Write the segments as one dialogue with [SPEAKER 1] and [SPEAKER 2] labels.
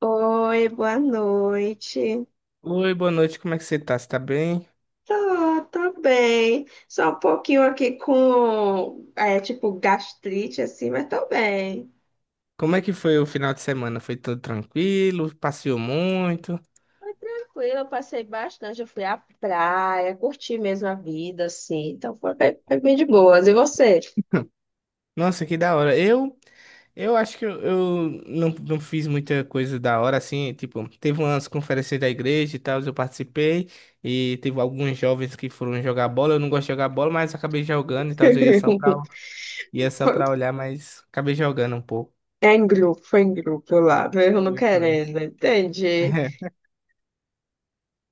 [SPEAKER 1] Oi, boa noite.
[SPEAKER 2] Oi, boa noite, como é que você tá? Você tá bem?
[SPEAKER 1] Tô bem. Só um pouquinho aqui com, tipo, gastrite, assim, mas tô bem.
[SPEAKER 2] Como é que foi o final de semana? Foi tudo tranquilo? Passeou muito?
[SPEAKER 1] Foi tranquilo, eu passei bastante. Eu fui à praia, curti mesmo a vida, assim. Então foi bem de boas. E você?
[SPEAKER 2] Nossa, que da hora. Eu acho que eu não fiz muita coisa da hora, assim, tipo, teve umas conferências da igreja e tal, eu participei, e teve alguns jovens que foram jogar bola, eu não gosto de jogar bola, mas acabei jogando e tal, eu ia só
[SPEAKER 1] Foi-
[SPEAKER 2] pra olhar, mas acabei jogando um pouco.
[SPEAKER 1] Foi em grupo lá, mesmo não
[SPEAKER 2] Foi, foi.
[SPEAKER 1] querendo, entende?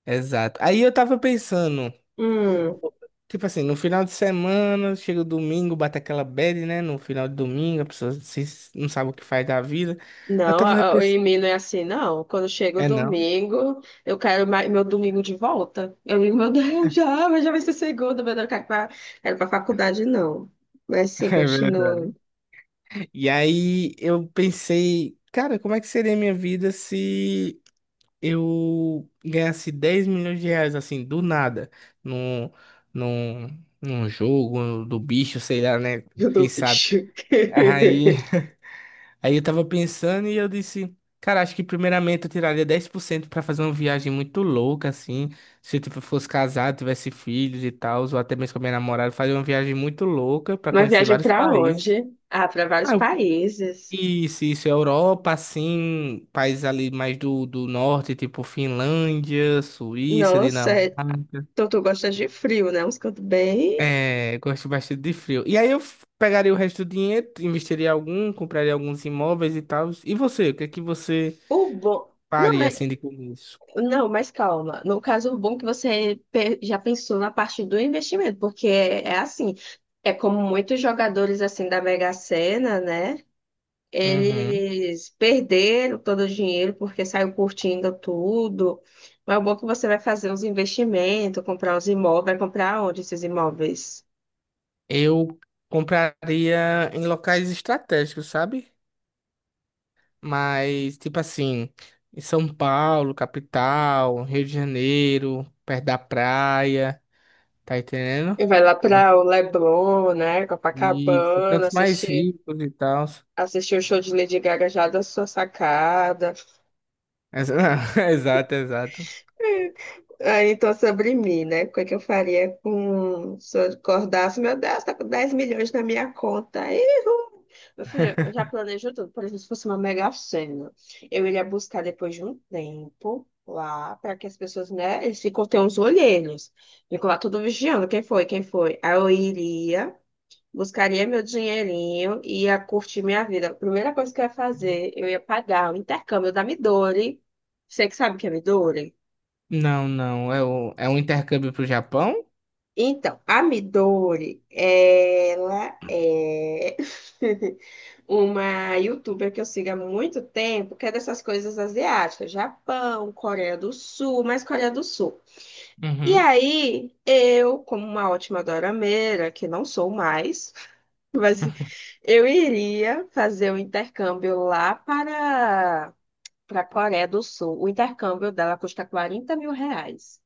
[SPEAKER 2] Exato. Aí eu tava pensando,
[SPEAKER 1] Hum.
[SPEAKER 2] tipo assim, no final de semana, chega o domingo, bate aquela bad, né? No final de domingo, a pessoa não sabe o que faz da vida. Eu
[SPEAKER 1] Não,
[SPEAKER 2] tava
[SPEAKER 1] o
[SPEAKER 2] repensando.
[SPEAKER 1] e-mail não é assim, não. Quando chega o
[SPEAKER 2] É não?
[SPEAKER 1] domingo, eu quero meu domingo de volta. Eu digo, meu Deus, já, mas já vai ser segunda, meu Deus, eu quero para faculdade, não. Mas sim,
[SPEAKER 2] É
[SPEAKER 1] continua.
[SPEAKER 2] verdade. E aí eu pensei, cara, como é que seria a minha vida se eu ganhasse 10 milhões de reais, assim, do nada, num, num, num jogo do bicho, sei lá, né?
[SPEAKER 1] Eu dou
[SPEAKER 2] Quem sabe?
[SPEAKER 1] bicho.
[SPEAKER 2] Aí. Aí eu tava pensando e eu disse, cara, acho que primeiramente eu tiraria 10% pra fazer uma viagem muito louca, assim. Se eu tipo, fosse casado, tivesse filhos e tal, ou até mesmo com a minha namorada, fazer uma viagem muito louca pra
[SPEAKER 1] Uma
[SPEAKER 2] conhecer
[SPEAKER 1] viagem
[SPEAKER 2] vários
[SPEAKER 1] para
[SPEAKER 2] países.
[SPEAKER 1] onde? Ah, para vários
[SPEAKER 2] Ah, eu-
[SPEAKER 1] países.
[SPEAKER 2] isso, isso, Europa, assim, países ali mais do norte, tipo Finlândia, Suíça,
[SPEAKER 1] Nossa,
[SPEAKER 2] Dinamarca.
[SPEAKER 1] então tu gosta de frio, né? Uns cantos bem.
[SPEAKER 2] É, eu gosto bastante de frio. E aí eu pegaria o resto do dinheiro, investiria algum, compraria alguns imóveis e tal. E você, o que é que você
[SPEAKER 1] O bom. Não,
[SPEAKER 2] faria assim de começo?
[SPEAKER 1] Não, mas calma. No caso, o bom que você já pensou na parte do investimento, porque é assim, é como muitos jogadores assim da Mega Sena, né?
[SPEAKER 2] Uhum.
[SPEAKER 1] Eles perderam todo o dinheiro porque saiu curtindo tudo. Mas o bom que você vai fazer uns investimentos, comprar uns imóveis, vai comprar onde esses imóveis?
[SPEAKER 2] Eu compraria em locais estratégicos, sabe? Mas, tipo assim, em São Paulo, capital, Rio de Janeiro, perto da praia, tá entendendo?
[SPEAKER 1] E vai lá para o Leblon, né?
[SPEAKER 2] Isso,
[SPEAKER 1] Copacabana,
[SPEAKER 2] cantos mais
[SPEAKER 1] assistir,
[SPEAKER 2] ricos e tal.
[SPEAKER 1] assistir o show de Lady Gaga já da sua sacada.
[SPEAKER 2] Ex- Exato, exato.
[SPEAKER 1] Ah, então, sobre mim, né? O que é que eu faria com... se eu acordasse? Meu Deus, tá com 10 milhões na minha conta. Ih, ru. Meu filho, eu já planejo tudo. Por exemplo, se fosse uma mega sena, eu iria buscar depois de um tempo lá, para que as pessoas, né? Eles ficam, tem uns olheiros. Ficam lá tudo vigiando. Quem foi? Quem foi? Aí eu iria, buscaria meu dinheirinho e ia curtir minha vida. A primeira coisa que eu ia fazer, eu ia pagar o intercâmbio da Midori. Você que sabe o que é Midori?
[SPEAKER 2] Não, não, é um intercâmbio pro Japão?
[SPEAKER 1] Então, a Midori, ela é uma youtuber que eu sigo há muito tempo, que é dessas coisas asiáticas, Japão, Coreia do Sul, mais Coreia do Sul. E
[SPEAKER 2] Uhum.
[SPEAKER 1] aí, eu, como uma ótima dorameira, que não sou mais, mas eu iria fazer o intercâmbio lá para a Coreia do Sul. O intercâmbio dela custa R$ 40.000.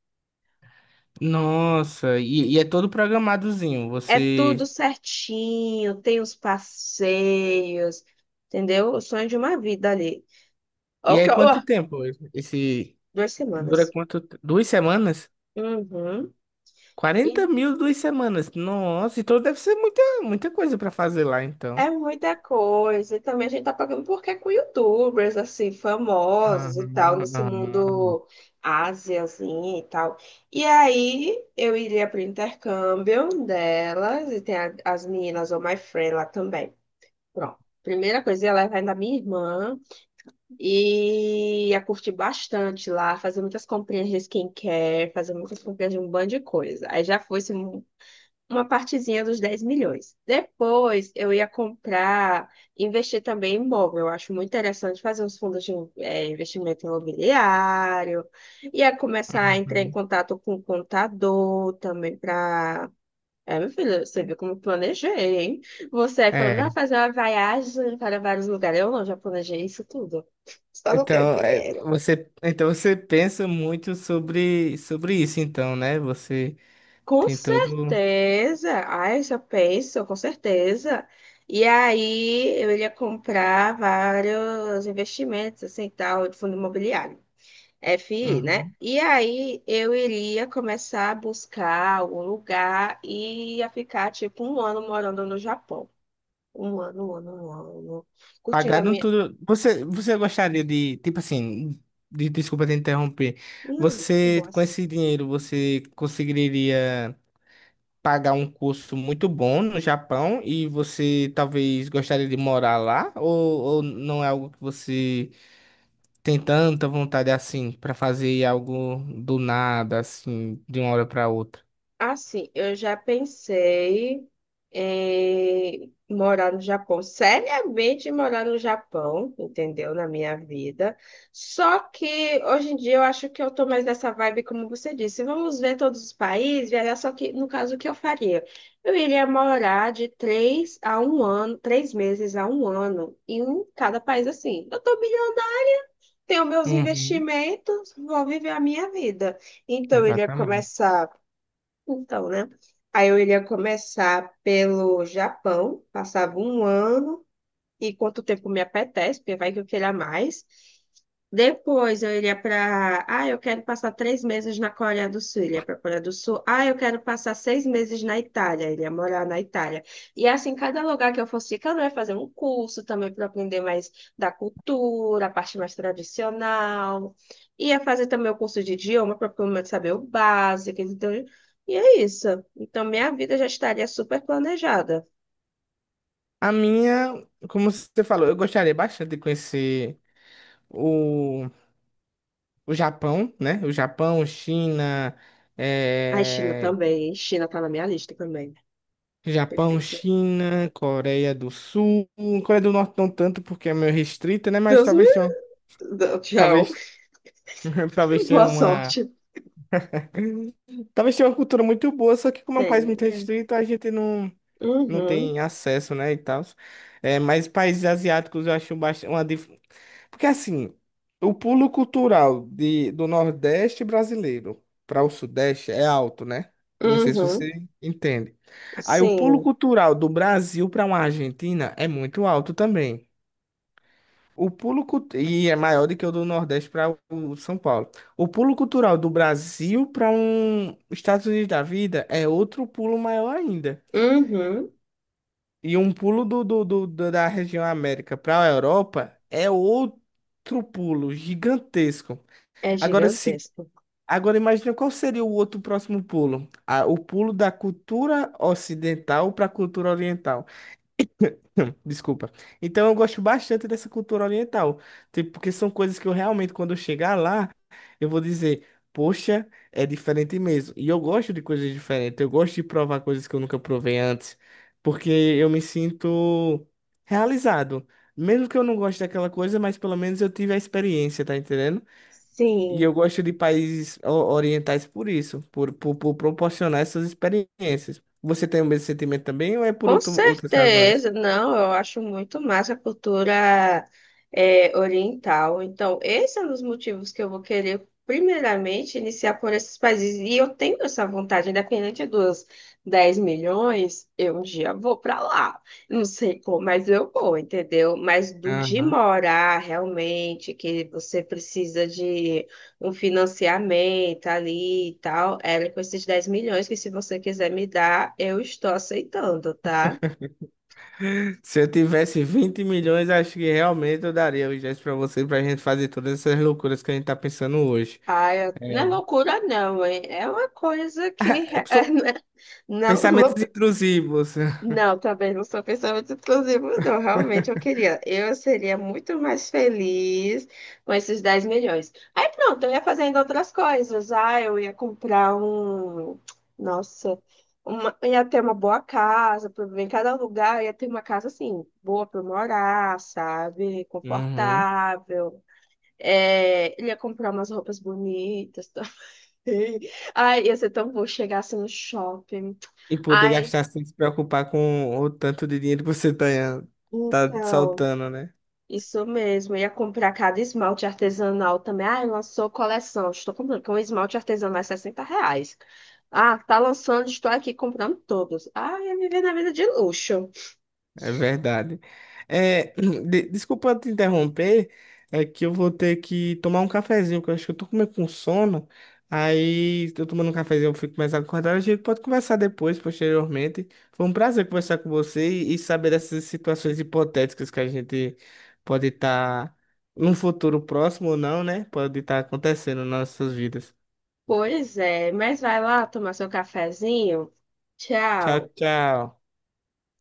[SPEAKER 2] Nossa, e é todo programadozinho,
[SPEAKER 1] É
[SPEAKER 2] você...
[SPEAKER 1] tudo certinho, tem os passeios, entendeu? O sonho de uma vida ali. Ó,
[SPEAKER 2] E
[SPEAKER 1] que
[SPEAKER 2] aí, quanto
[SPEAKER 1] ó,
[SPEAKER 2] tempo esse...
[SPEAKER 1] duas
[SPEAKER 2] Dura
[SPEAKER 1] semanas.
[SPEAKER 2] quanto? 2 semanas?
[SPEAKER 1] Uhum. E
[SPEAKER 2] 40.000 2 semanas. Nossa, então deve ser muita, muita coisa para fazer lá, então.
[SPEAKER 1] é muita coisa. E também a gente tá pagando porque é com youtubers, assim, famosos e tal,
[SPEAKER 2] Uhum,
[SPEAKER 1] nesse
[SPEAKER 2] uhum.
[SPEAKER 1] mundo Ásia, assim, e tal. E aí eu iria pro intercâmbio delas, e tem as meninas, ou my friend lá também. Pronto. Primeira coisa, eu ia levar ainda a minha irmã. E ia curtir bastante lá, fazer muitas comprinhas de skincare, fazer muitas comprinhas de um bando de coisa. Aí já foi assim, uma partezinha dos 10 milhões. Depois eu ia comprar, investir também em imóvel. Eu acho muito interessante fazer uns fundos de investimento imobiliário. Ia começar a entrar em
[SPEAKER 2] Uhum.
[SPEAKER 1] contato com o contador também para meu filho, você viu como eu planejei, hein? Você aí falando, ah,
[SPEAKER 2] É.
[SPEAKER 1] fazer uma viagem para vários lugares. Eu não, já planejei isso tudo. Só não tenho
[SPEAKER 2] Então, é,
[SPEAKER 1] dinheiro.
[SPEAKER 2] então você pensa muito sobre, sobre isso, então, né? Você
[SPEAKER 1] Com
[SPEAKER 2] tem todo.
[SPEAKER 1] certeza. Ai, já penso, com certeza. E aí eu iria comprar vários investimentos, assim, tal, de fundo imobiliário. FI, né?
[SPEAKER 2] Uhum.
[SPEAKER 1] E aí eu iria começar a buscar algum lugar e ia ficar tipo um ano morando no Japão. Um ano, um ano, um ano. Curtindo a
[SPEAKER 2] Pagado
[SPEAKER 1] minha.
[SPEAKER 2] tudo. Você, você gostaria de, tipo assim, desculpa te interromper.
[SPEAKER 1] Que
[SPEAKER 2] Você, com
[SPEAKER 1] boas.
[SPEAKER 2] esse dinheiro, você conseguiria pagar um curso muito bom no Japão e você talvez gostaria de morar lá? Ou não é algo que você tem tanta vontade assim pra fazer algo do nada, assim, de uma hora pra outra?
[SPEAKER 1] Assim, eu já pensei em morar no Japão, seriamente morar no Japão, entendeu? Na minha vida. Só que hoje em dia eu acho que eu tô mais nessa vibe, como você disse. Vamos ver todos os países, viajar, só que no caso o que eu faria? Eu iria morar de três a um ano, três meses a um ano em cada país assim. Eu tô bilionária, tenho meus
[SPEAKER 2] Uhum,
[SPEAKER 1] investimentos, vou viver a minha vida. Então, ele ia
[SPEAKER 2] exatamente.
[SPEAKER 1] começar. Então, né? Aí eu iria começar pelo Japão, passava um ano e quanto tempo me apetece, porque vai que eu queira mais. Depois eu iria para. Ah, eu quero passar 3 meses na Coreia do Sul, iria para a Coreia do Sul. Ah, eu quero passar 6 meses na Itália, iria morar na Itália. E assim, cada lugar que eu fosse ficando, eu ia fazer um curso também para aprender mais da cultura, a parte mais tradicional. Ia fazer também o curso de idioma para pelo menos saber o básico. Então, e é isso. Então, minha vida já estaria super planejada.
[SPEAKER 2] A minha, como você falou, eu gostaria bastante de conhecer o, o Japão, né? O Japão, China,
[SPEAKER 1] A China
[SPEAKER 2] eh,
[SPEAKER 1] também. China está na minha lista também.
[SPEAKER 2] Japão,
[SPEAKER 1] Perfeito.
[SPEAKER 2] China, Coreia do Sul. Coreia do Norte não tanto porque é meio restrita, né? Mas
[SPEAKER 1] Deus me.
[SPEAKER 2] talvez tenha,
[SPEAKER 1] Não, tchau.
[SPEAKER 2] talvez, talvez tenha
[SPEAKER 1] Boa
[SPEAKER 2] uma,
[SPEAKER 1] sorte.
[SPEAKER 2] talvez tenha uma cultura muito boa, só que como é um país
[SPEAKER 1] Tem.
[SPEAKER 2] muito
[SPEAKER 1] É.
[SPEAKER 2] restrito, a gente não
[SPEAKER 1] Uhum.
[SPEAKER 2] tem acesso, né, e tal. É, mas países asiáticos eu acho bastante porque assim, o pulo cultural do Nordeste brasileiro para o Sudeste é alto, né? Não sei se
[SPEAKER 1] Uhum.
[SPEAKER 2] você entende. Aí o pulo
[SPEAKER 1] Sim.
[SPEAKER 2] cultural do Brasil para uma Argentina é muito alto também. E é maior do que o do Nordeste para o São Paulo. O pulo cultural do Brasil para um Estados Unidos da vida é outro pulo maior ainda.
[SPEAKER 1] Uhum.
[SPEAKER 2] E um pulo da região América para a Europa é outro pulo gigantesco.
[SPEAKER 1] É
[SPEAKER 2] Agora, se,
[SPEAKER 1] gigantesco.
[SPEAKER 2] agora imagina qual seria o outro próximo pulo. Ah, o pulo da cultura ocidental para a cultura oriental. Desculpa. Então eu gosto bastante dessa cultura oriental, tipo, porque são coisas que eu realmente, quando eu chegar lá, eu vou dizer, poxa, é diferente mesmo. E eu gosto de coisas diferentes, eu gosto de provar coisas que eu nunca provei antes, porque eu me sinto realizado. Mesmo que eu não goste daquela coisa, mas pelo menos eu tive a experiência, tá entendendo? E
[SPEAKER 1] Sim.
[SPEAKER 2] eu gosto de países orientais por isso, por proporcionar essas experiências. Você tem o mesmo sentimento também ou é por
[SPEAKER 1] Com
[SPEAKER 2] outras razões?
[SPEAKER 1] certeza, não, eu acho muito massa a cultura oriental. Então, esse é um dos motivos que eu vou querer, primeiramente, iniciar por esses países. E eu tenho essa vontade, independente dos 10 milhões, eu um dia vou para lá. Não sei como, mas eu vou, entendeu? Mas do de morar, realmente, que você precisa de um financiamento ali e tal, era com esses 10 milhões que se você quiser me dar, eu estou aceitando, tá?
[SPEAKER 2] Se eu tivesse 20 milhões, acho que realmente eu daria os gestos pra você, pra gente fazer todas essas loucuras que a gente tá pensando hoje.
[SPEAKER 1] Ah, não é
[SPEAKER 2] É,
[SPEAKER 1] loucura não, hein? É uma coisa que
[SPEAKER 2] é, são
[SPEAKER 1] não,
[SPEAKER 2] pensamentos intrusivos.
[SPEAKER 1] Não, também não sou pensamento exclusivo, não. Realmente eu queria. Eu seria muito mais feliz com esses 10 milhões. Aí pronto, eu ia fazendo outras coisas. Ah, eu ia comprar Nossa, eu ia ter uma boa casa. Em cada lugar eu ia ter uma casa assim, boa para morar, sabe?
[SPEAKER 2] Uhum.
[SPEAKER 1] Confortável. É, ele ia comprar umas roupas bonitas também. Ai, ia ser tão bom chegar assim no shopping.
[SPEAKER 2] E poder
[SPEAKER 1] Ai,
[SPEAKER 2] gastar sem se preocupar com o tanto de dinheiro que você tá
[SPEAKER 1] então.
[SPEAKER 2] saltando, né?
[SPEAKER 1] Isso mesmo, eu ia comprar cada esmalte artesanal também. Ah, lançou coleção. Estou comprando, porque um esmalte artesanal é R$ 60. Ah, tá lançando, estou aqui comprando todos. Ah, ia viver na vida de luxo.
[SPEAKER 2] É verdade. É, desculpa te interromper, é que eu vou ter que tomar um cafezinho, que eu acho que eu tô com meio com sono. Aí, eu tomando um cafezinho, eu fico mais acordado. A gente pode conversar depois, posteriormente. Foi um prazer conversar com você e saber dessas situações hipotéticas que a gente pode estar num futuro próximo ou não, né? Pode estar acontecendo nas nossas vidas.
[SPEAKER 1] Pois é, mas vai lá tomar seu cafezinho.
[SPEAKER 2] Tchau,
[SPEAKER 1] Tchau.
[SPEAKER 2] tchau.